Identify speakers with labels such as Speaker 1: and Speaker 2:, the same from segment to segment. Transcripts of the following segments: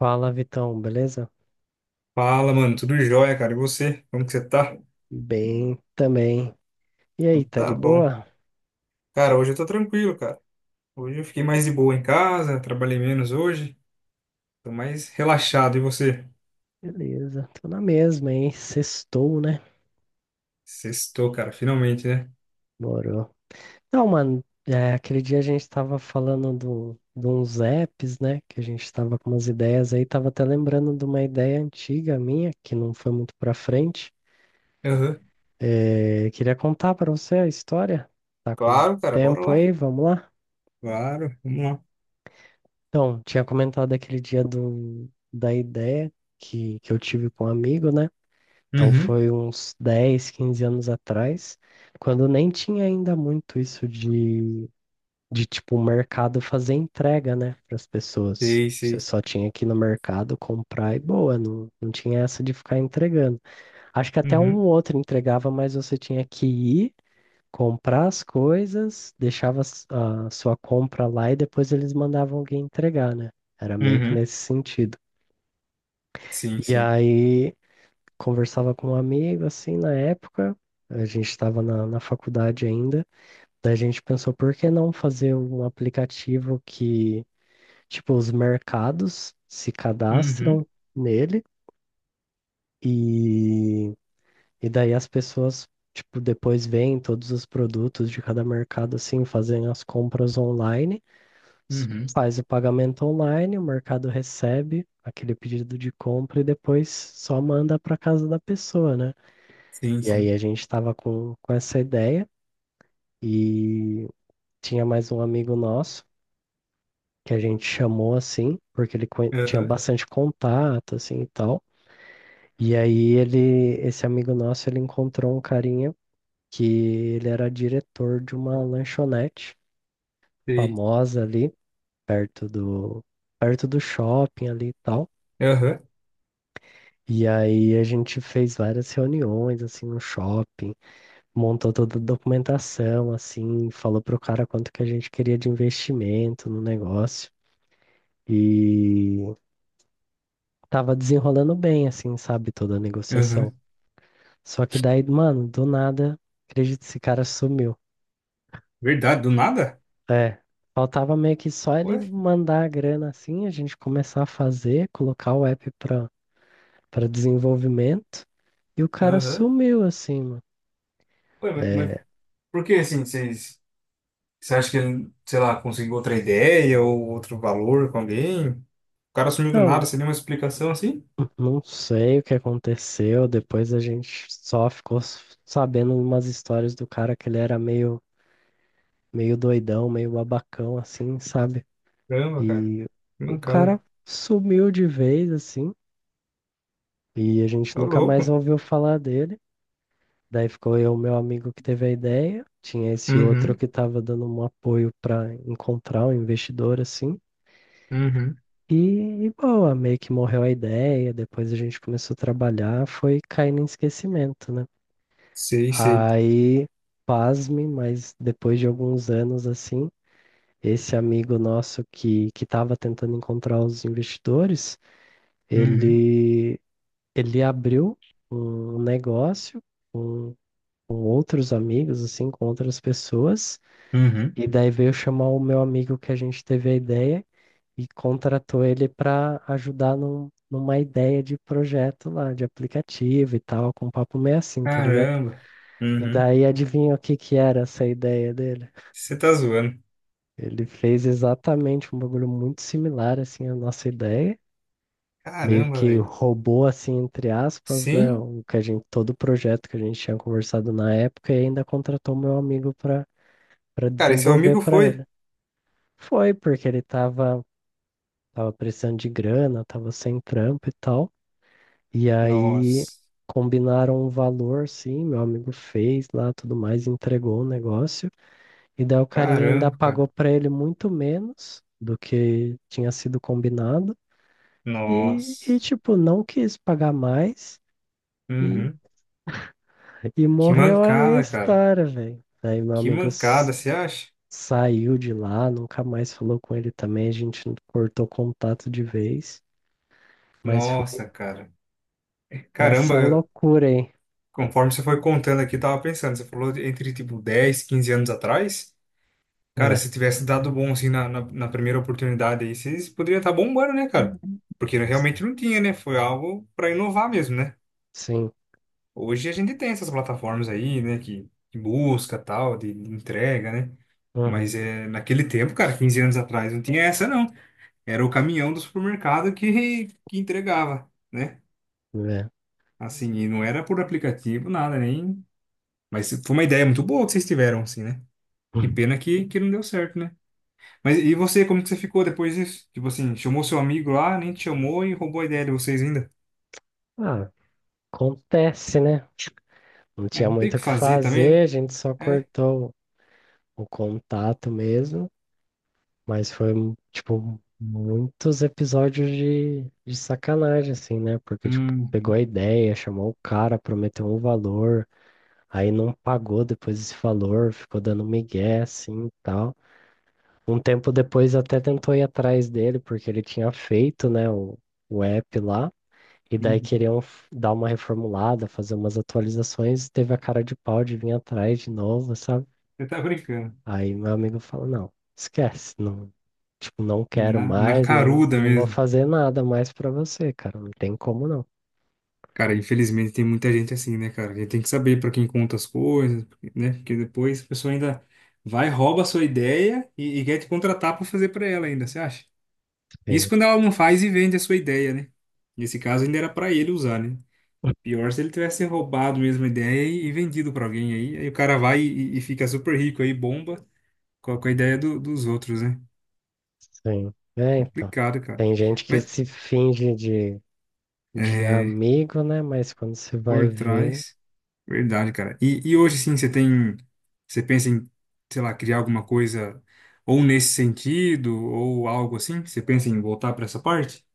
Speaker 1: Fala, Vitão, beleza?
Speaker 2: Fala, mano, tudo jóia, cara. E você? Como que você tá?
Speaker 1: Bem também. E
Speaker 2: Então
Speaker 1: aí, tá de
Speaker 2: tá bom.
Speaker 1: boa?
Speaker 2: Cara, hoje eu tô tranquilo, cara. Hoje eu fiquei mais de boa em casa, trabalhei menos hoje, tô mais relaxado. E você?
Speaker 1: Beleza, tô na mesma, hein? Sextou, né?
Speaker 2: Sextou, cara, finalmente, né?
Speaker 1: Morou. Não, mano, é, aquele dia a gente tava falando de uns apps, né? Que a gente tava com umas ideias aí, tava até lembrando de uma ideia antiga minha, que não foi muito pra frente.
Speaker 2: Aham.
Speaker 1: É, queria contar pra você a história. Tá com
Speaker 2: Claro, cara, bora
Speaker 1: tempo
Speaker 2: lá.
Speaker 1: aí? Vamos lá?
Speaker 2: Claro, vamos lá.
Speaker 1: Então, tinha comentado aquele dia da ideia que eu tive com um amigo, né? Então
Speaker 2: Uhum.
Speaker 1: foi uns 10, 15 anos atrás, quando nem tinha ainda muito isso de tipo, o mercado fazer entrega, né, para as pessoas.
Speaker 2: Sei,
Speaker 1: Você
Speaker 2: sei.
Speaker 1: só tinha que ir no mercado comprar e boa, não tinha essa de ficar entregando. Acho que até um
Speaker 2: Uhum.
Speaker 1: ou outro entregava, mas você tinha que ir comprar as coisas, deixava a sua compra lá e depois eles mandavam alguém entregar, né? Era meio que
Speaker 2: Uhum.
Speaker 1: nesse sentido.
Speaker 2: Sim,
Speaker 1: E
Speaker 2: sim.
Speaker 1: aí conversava com um amigo, assim, na época, a gente estava na faculdade ainda, daí a gente pensou, por que não fazer um aplicativo que, tipo, os mercados se
Speaker 2: Uhum.
Speaker 1: cadastram nele e, e daí as pessoas, tipo, depois veem todos os produtos de cada mercado, assim, fazem as compras online, s-
Speaker 2: Uhum.
Speaker 1: faz o pagamento online, o mercado recebe aquele pedido de compra e depois só manda para casa da pessoa, né?
Speaker 2: Sim,
Speaker 1: E aí
Speaker 2: sim.
Speaker 1: a gente estava com essa ideia e tinha mais um amigo nosso que a gente chamou assim, porque ele tinha
Speaker 2: Aham.
Speaker 1: bastante contato assim e tal. E aí ele, esse amigo nosso, ele encontrou um carinha que ele era diretor de uma lanchonete
Speaker 2: Sei.
Speaker 1: famosa ali perto do perto do shopping ali e tal.
Speaker 2: Aham.
Speaker 1: E aí a gente fez várias reuniões assim no shopping montou toda a documentação, assim, falou pro cara quanto que a gente queria de investimento no negócio e tava desenrolando bem, assim, sabe, toda a negociação.
Speaker 2: Aham.
Speaker 1: Só que daí, mano, do nada, acredito, esse cara sumiu.
Speaker 2: Verdade, do nada?
Speaker 1: É, faltava meio que só ele
Speaker 2: Ué?
Speaker 1: mandar a grana, assim, a gente começar a fazer, colocar o app para desenvolvimento e o cara
Speaker 2: Aham.
Speaker 1: sumiu, assim, mano.
Speaker 2: Ué, mas
Speaker 1: É,
Speaker 2: por que assim vocês. Você acha que ele, sei lá, conseguiu outra ideia ou outro valor com alguém? O cara sumiu do
Speaker 1: não,
Speaker 2: nada, você deu uma explicação assim?
Speaker 1: não sei o que aconteceu. Depois a gente só ficou sabendo umas histórias do cara que ele era meio doidão, meio babacão, assim, sabe?
Speaker 2: Caramba, cara.
Speaker 1: E
Speaker 2: Que
Speaker 1: o
Speaker 2: mancada.
Speaker 1: cara sumiu de vez, assim, e a gente
Speaker 2: É o
Speaker 1: nunca
Speaker 2: louco.
Speaker 1: mais ouviu falar dele. Daí ficou eu, meu amigo, que teve a ideia. Tinha esse outro
Speaker 2: Uhum,
Speaker 1: que estava dando um apoio para encontrar um investidor, assim.
Speaker 2: uhum.
Speaker 1: E, e boa, meio que morreu a ideia. Depois a gente começou a trabalhar, foi caindo em esquecimento, né?
Speaker 2: Sei, sei.
Speaker 1: Aí, pasme, mas depois de alguns anos assim, esse amigo nosso que estava tentando encontrar os investidores,
Speaker 2: Uhum,
Speaker 1: ele ele abriu um negócio com, com outros amigos, assim, com outras pessoas,
Speaker 2: uhum.
Speaker 1: e daí veio chamar o meu amigo que a gente teve a ideia e contratou ele para ajudar numa ideia de projeto lá, de aplicativo e tal, com um papo meio assim, tá ligado?
Speaker 2: Caramba.
Speaker 1: E
Speaker 2: Uhum.
Speaker 1: daí adivinha o que que era essa ideia dele?
Speaker 2: Você tá zoando.
Speaker 1: Ele fez exatamente um bagulho muito similar assim à nossa ideia, meio
Speaker 2: Caramba,
Speaker 1: que
Speaker 2: velho.
Speaker 1: roubou assim entre aspas, né,
Speaker 2: Sim?
Speaker 1: o que a gente todo o projeto que a gente tinha conversado na época e ainda contratou meu amigo para
Speaker 2: Cara, e seu
Speaker 1: desenvolver
Speaker 2: amigo
Speaker 1: para
Speaker 2: foi?
Speaker 1: ele. Foi porque ele tava precisando de grana, tava sem trampo e tal. E aí
Speaker 2: Nossa.
Speaker 1: combinaram um valor, sim, meu amigo fez lá, tudo mais, entregou o negócio. E daí o carinha ainda
Speaker 2: Caramba,
Speaker 1: pagou
Speaker 2: cara.
Speaker 1: pra ele muito menos do que tinha sido combinado. E
Speaker 2: Nossa.
Speaker 1: tipo, não quis pagar mais. E,
Speaker 2: Uhum.
Speaker 1: e
Speaker 2: Que
Speaker 1: morreu aí a
Speaker 2: mancada, cara.
Speaker 1: história, velho. Aí meu
Speaker 2: Que
Speaker 1: amigo
Speaker 2: mancada, você acha?
Speaker 1: saiu de lá, nunca mais falou com ele também. A gente cortou contato de vez. Mas
Speaker 2: Nossa, cara.
Speaker 1: foi
Speaker 2: Caramba.
Speaker 1: essa loucura, hein?
Speaker 2: Conforme você foi contando aqui, eu tava pensando, você falou entre tipo 10, 15 anos atrás. Cara,
Speaker 1: É,
Speaker 2: se tivesse dado bom assim na primeira oportunidade aí, vocês poderiam estar bombando, né, cara? Porque
Speaker 1: s-
Speaker 2: realmente não tinha, né? Foi algo para inovar mesmo, né?
Speaker 1: sim.
Speaker 2: Hoje a gente tem essas plataformas aí, né, que busca tal, de entrega, né?
Speaker 1: Uhum,
Speaker 2: Mas é, naquele tempo, cara, 15 anos atrás, não tinha essa, não. Era o caminhão do supermercado que entregava, né?
Speaker 1: é.
Speaker 2: Assim, e não era por aplicativo, nada, nem. Mas foi uma ideia muito boa que vocês tiveram, assim, né? Que pena que não deu certo, né? Mas e você, como que você ficou depois disso? Tipo assim, chamou seu amigo lá, nem te chamou e roubou a ideia de vocês ainda.
Speaker 1: Ah, acontece, né? Não
Speaker 2: É,
Speaker 1: tinha
Speaker 2: não tem o
Speaker 1: muito o
Speaker 2: que
Speaker 1: que
Speaker 2: fazer também,
Speaker 1: fazer,
Speaker 2: né?
Speaker 1: a gente só
Speaker 2: É.
Speaker 1: cortou o contato mesmo, mas foi, tipo, muitos episódios de sacanagem, assim, né? Porque, tipo, pegou
Speaker 2: Uhum,
Speaker 1: a ideia, chamou o cara, prometeu um valor, aí não pagou depois esse valor, ficou dando migué, assim, e tal. Um tempo depois até tentou ir atrás dele, porque ele tinha feito, né, o app lá, e daí
Speaker 2: uhum.
Speaker 1: queriam dar uma reformulada, fazer umas atualizações, teve a cara de pau de vir atrás de novo, sabe?
Speaker 2: Você tá brincando.
Speaker 1: Aí meu amigo fala, não, esquece, não, tipo, não quero
Speaker 2: Na
Speaker 1: mais, não,
Speaker 2: caruda
Speaker 1: não vou
Speaker 2: mesmo.
Speaker 1: fazer nada mais pra você, cara, não tem como não.
Speaker 2: Cara, infelizmente tem muita gente assim, né, cara? A gente tem que saber pra quem conta as coisas, né? Porque depois a pessoa ainda vai, rouba a sua ideia e quer te contratar pra fazer pra ela ainda, você acha? Isso
Speaker 1: Sim,
Speaker 2: quando ela não faz e vende a sua ideia, né? Nesse caso ainda era pra ele usar, né? Pior se ele tivesse roubado mesmo a ideia e vendido pra alguém aí. Aí o cara vai e fica super rico aí, bomba, com a ideia dos outros, né?
Speaker 1: sim. É, então,
Speaker 2: Complicado, cara.
Speaker 1: tem gente que
Speaker 2: Mas,
Speaker 1: se finge de
Speaker 2: é,
Speaker 1: amigo, né, mas quando você vai
Speaker 2: por
Speaker 1: ver,
Speaker 2: trás, verdade, cara. E hoje, sim, você tem, você pensa em, sei lá, criar alguma coisa ou nesse sentido, ou algo assim? Você pensa em voltar pra essa parte?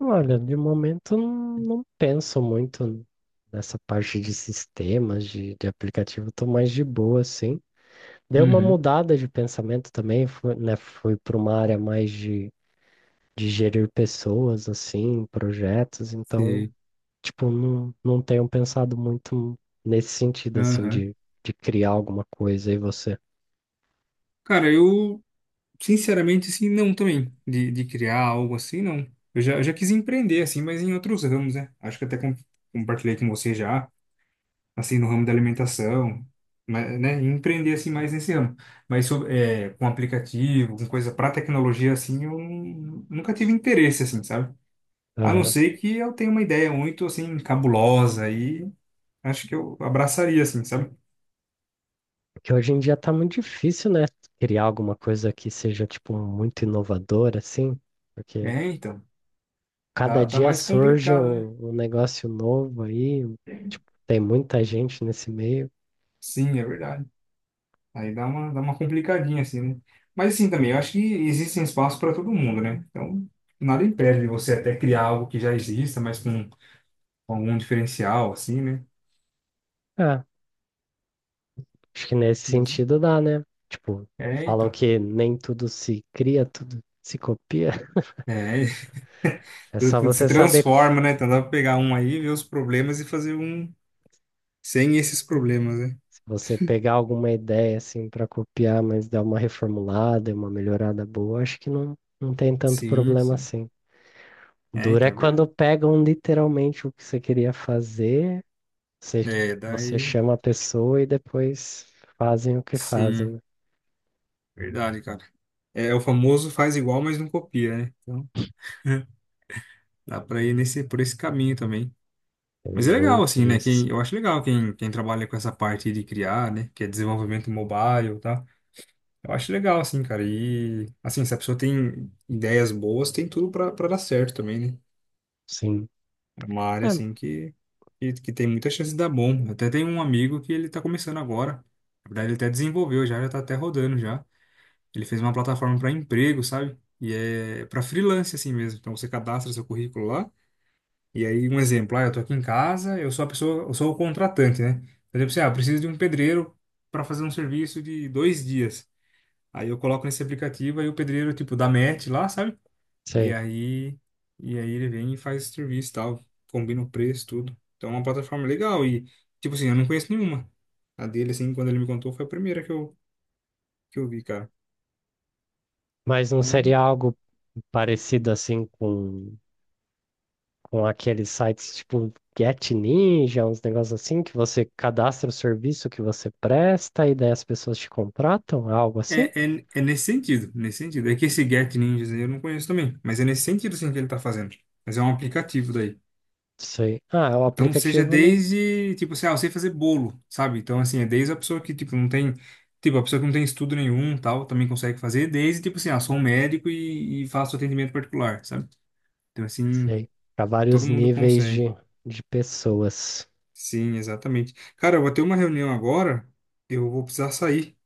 Speaker 1: olha, de momento não, não penso muito nessa parte de sistemas, de aplicativo, tô mais de boa, assim. Deu uma
Speaker 2: Uhum.
Speaker 1: mudada de pensamento também, fui, né, fui para uma área mais de gerir pessoas, assim, projetos, então,
Speaker 2: Sei.
Speaker 1: tipo, não, não tenho pensado muito nesse sentido, assim,
Speaker 2: Aham.
Speaker 1: de criar alguma coisa e você.
Speaker 2: Cara, eu Sinceramente, assim, não também. De criar algo assim, não. Eu já quis empreender, assim, mas em outros ramos, né? Acho que até compartilhei com você já, assim, no ramo da alimentação, mas, né? Empreender, assim, mais nesse ramo. Mas sobre, é, com aplicativo, com coisa para tecnologia, assim, eu nunca tive interesse, assim, sabe? A não
Speaker 1: Aham.
Speaker 2: ser que eu tenha uma ideia muito, assim, cabulosa e acho que eu abraçaria, assim, sabe?
Speaker 1: Porque hoje em dia tá muito difícil, né? Criar alguma coisa que seja, tipo, muito inovadora, assim, porque
Speaker 2: É, então.
Speaker 1: cada
Speaker 2: Tá
Speaker 1: dia
Speaker 2: mais
Speaker 1: surge
Speaker 2: complicado, né?
Speaker 1: um negócio novo aí, tipo, tem muita gente nesse meio.
Speaker 2: Sim, é verdade. Aí dá uma complicadinha, assim, né? Mas assim também, eu acho que existem espaços para todo mundo, né? Então, nada impede de você até criar algo que já exista, mas com algum diferencial, assim, né?
Speaker 1: Ah, acho que nesse
Speaker 2: Mas,
Speaker 1: sentido dá, né? Tipo,
Speaker 2: é,
Speaker 1: falam
Speaker 2: então.
Speaker 1: que nem tudo se cria, tudo se copia.
Speaker 2: É,
Speaker 1: É
Speaker 2: tudo,
Speaker 1: só
Speaker 2: tudo
Speaker 1: você
Speaker 2: se
Speaker 1: saber
Speaker 2: transforma, né? Então dá pra pegar um aí, ver os problemas e fazer um sem esses problemas, né?
Speaker 1: se você pegar alguma ideia assim para copiar, mas dar uma reformulada, e uma melhorada boa, acho que não, não tem tanto
Speaker 2: Sim,
Speaker 1: problema
Speaker 2: sim.
Speaker 1: assim.
Speaker 2: É,
Speaker 1: Dura é
Speaker 2: então é
Speaker 1: quando
Speaker 2: verdade.
Speaker 1: pegam literalmente o que você queria fazer, você,
Speaker 2: É,
Speaker 1: você
Speaker 2: daí,
Speaker 1: chama a pessoa e depois fazem o que fazem, né?
Speaker 2: sim, verdade, cara. É o famoso faz igual, mas não copia, né? Então dá pra ir nesse, por esse caminho também.
Speaker 1: Tem
Speaker 2: Mas é legal,
Speaker 1: muito
Speaker 2: assim, né?
Speaker 1: disso.
Speaker 2: Eu acho legal quem trabalha com essa parte de criar, né? Que é desenvolvimento mobile, tá? Eu acho legal, assim, cara. E, assim, se a pessoa tem ideias boas, tem tudo pra dar certo também, né?
Speaker 1: Sim.
Speaker 2: É uma área,
Speaker 1: É,
Speaker 2: assim, que tem muita chance de dar bom. Eu Até tem um amigo que ele tá começando agora. Na verdade, ele até desenvolveu já. Já tá até rodando já. Ele fez uma plataforma para emprego, sabe? E é para freelance, assim mesmo. Então, você cadastra seu currículo lá. E aí, um exemplo, ah, eu tô aqui em casa, eu sou a pessoa, eu sou o contratante, né? Por exemplo, assim, ah, eu preciso de um pedreiro para fazer um serviço de 2 dias. Aí eu coloco nesse aplicativo, aí o pedreiro, tipo, dá match lá, sabe? E
Speaker 1: sei.
Speaker 2: aí, e aí ele vem e faz o serviço e tal, combina o preço, tudo. Então é uma plataforma legal e, tipo assim, eu não conheço nenhuma. A dele, assim, quando ele me contou, foi a primeira que eu vi, cara.
Speaker 1: Mas não
Speaker 2: Então,
Speaker 1: seria algo parecido assim com aqueles sites tipo Get Ninja, uns negócios assim, que você cadastra o serviço que você presta e daí as pessoas te contratam, algo assim?
Speaker 2: é nesse sentido, nesse sentido. É que esse Get Ninjas aí eu não conheço também, mas é nesse sentido, assim, que ele tá fazendo. Mas é um aplicativo daí.
Speaker 1: Sei. Ah, o
Speaker 2: Então, seja
Speaker 1: aplicativo não
Speaker 2: desde, tipo assim, ah, eu sei fazer bolo, sabe? Então, assim, é desde a pessoa que, tipo, não tem, tipo, a pessoa que não tem estudo nenhum, tal, também consegue fazer, desde, tipo assim, ah, sou um médico e faço atendimento particular, sabe? Então, assim,
Speaker 1: sei. Para
Speaker 2: todo
Speaker 1: vários
Speaker 2: mundo
Speaker 1: níveis
Speaker 2: consegue.
Speaker 1: de pessoas.
Speaker 2: Sim, exatamente. Cara, eu vou ter uma reunião agora, eu vou precisar sair,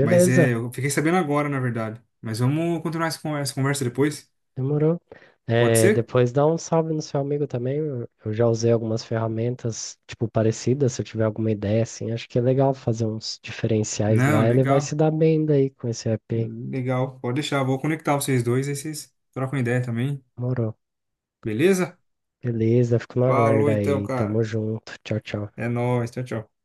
Speaker 2: mas é, eu fiquei sabendo agora, na verdade. Mas vamos continuar essa conversa depois?
Speaker 1: demorou.
Speaker 2: Pode
Speaker 1: É,
Speaker 2: ser?
Speaker 1: depois dá um salve no seu amigo também. Eu já usei algumas ferramentas, tipo, parecidas. Se eu tiver alguma ideia, assim, acho que é legal fazer uns diferenciais
Speaker 2: Não,
Speaker 1: lá. Ele vai se
Speaker 2: legal.
Speaker 1: dar bem daí com esse app. Aí.
Speaker 2: Legal, pode deixar, vou conectar vocês dois, aí vocês trocam ideia também,
Speaker 1: Demorou.
Speaker 2: beleza?
Speaker 1: Beleza, fico no
Speaker 2: Falou
Speaker 1: aguardo
Speaker 2: então,
Speaker 1: aí. Tamo
Speaker 2: cara.
Speaker 1: junto. Tchau, tchau.
Speaker 2: É nóis. Tchau, tchau.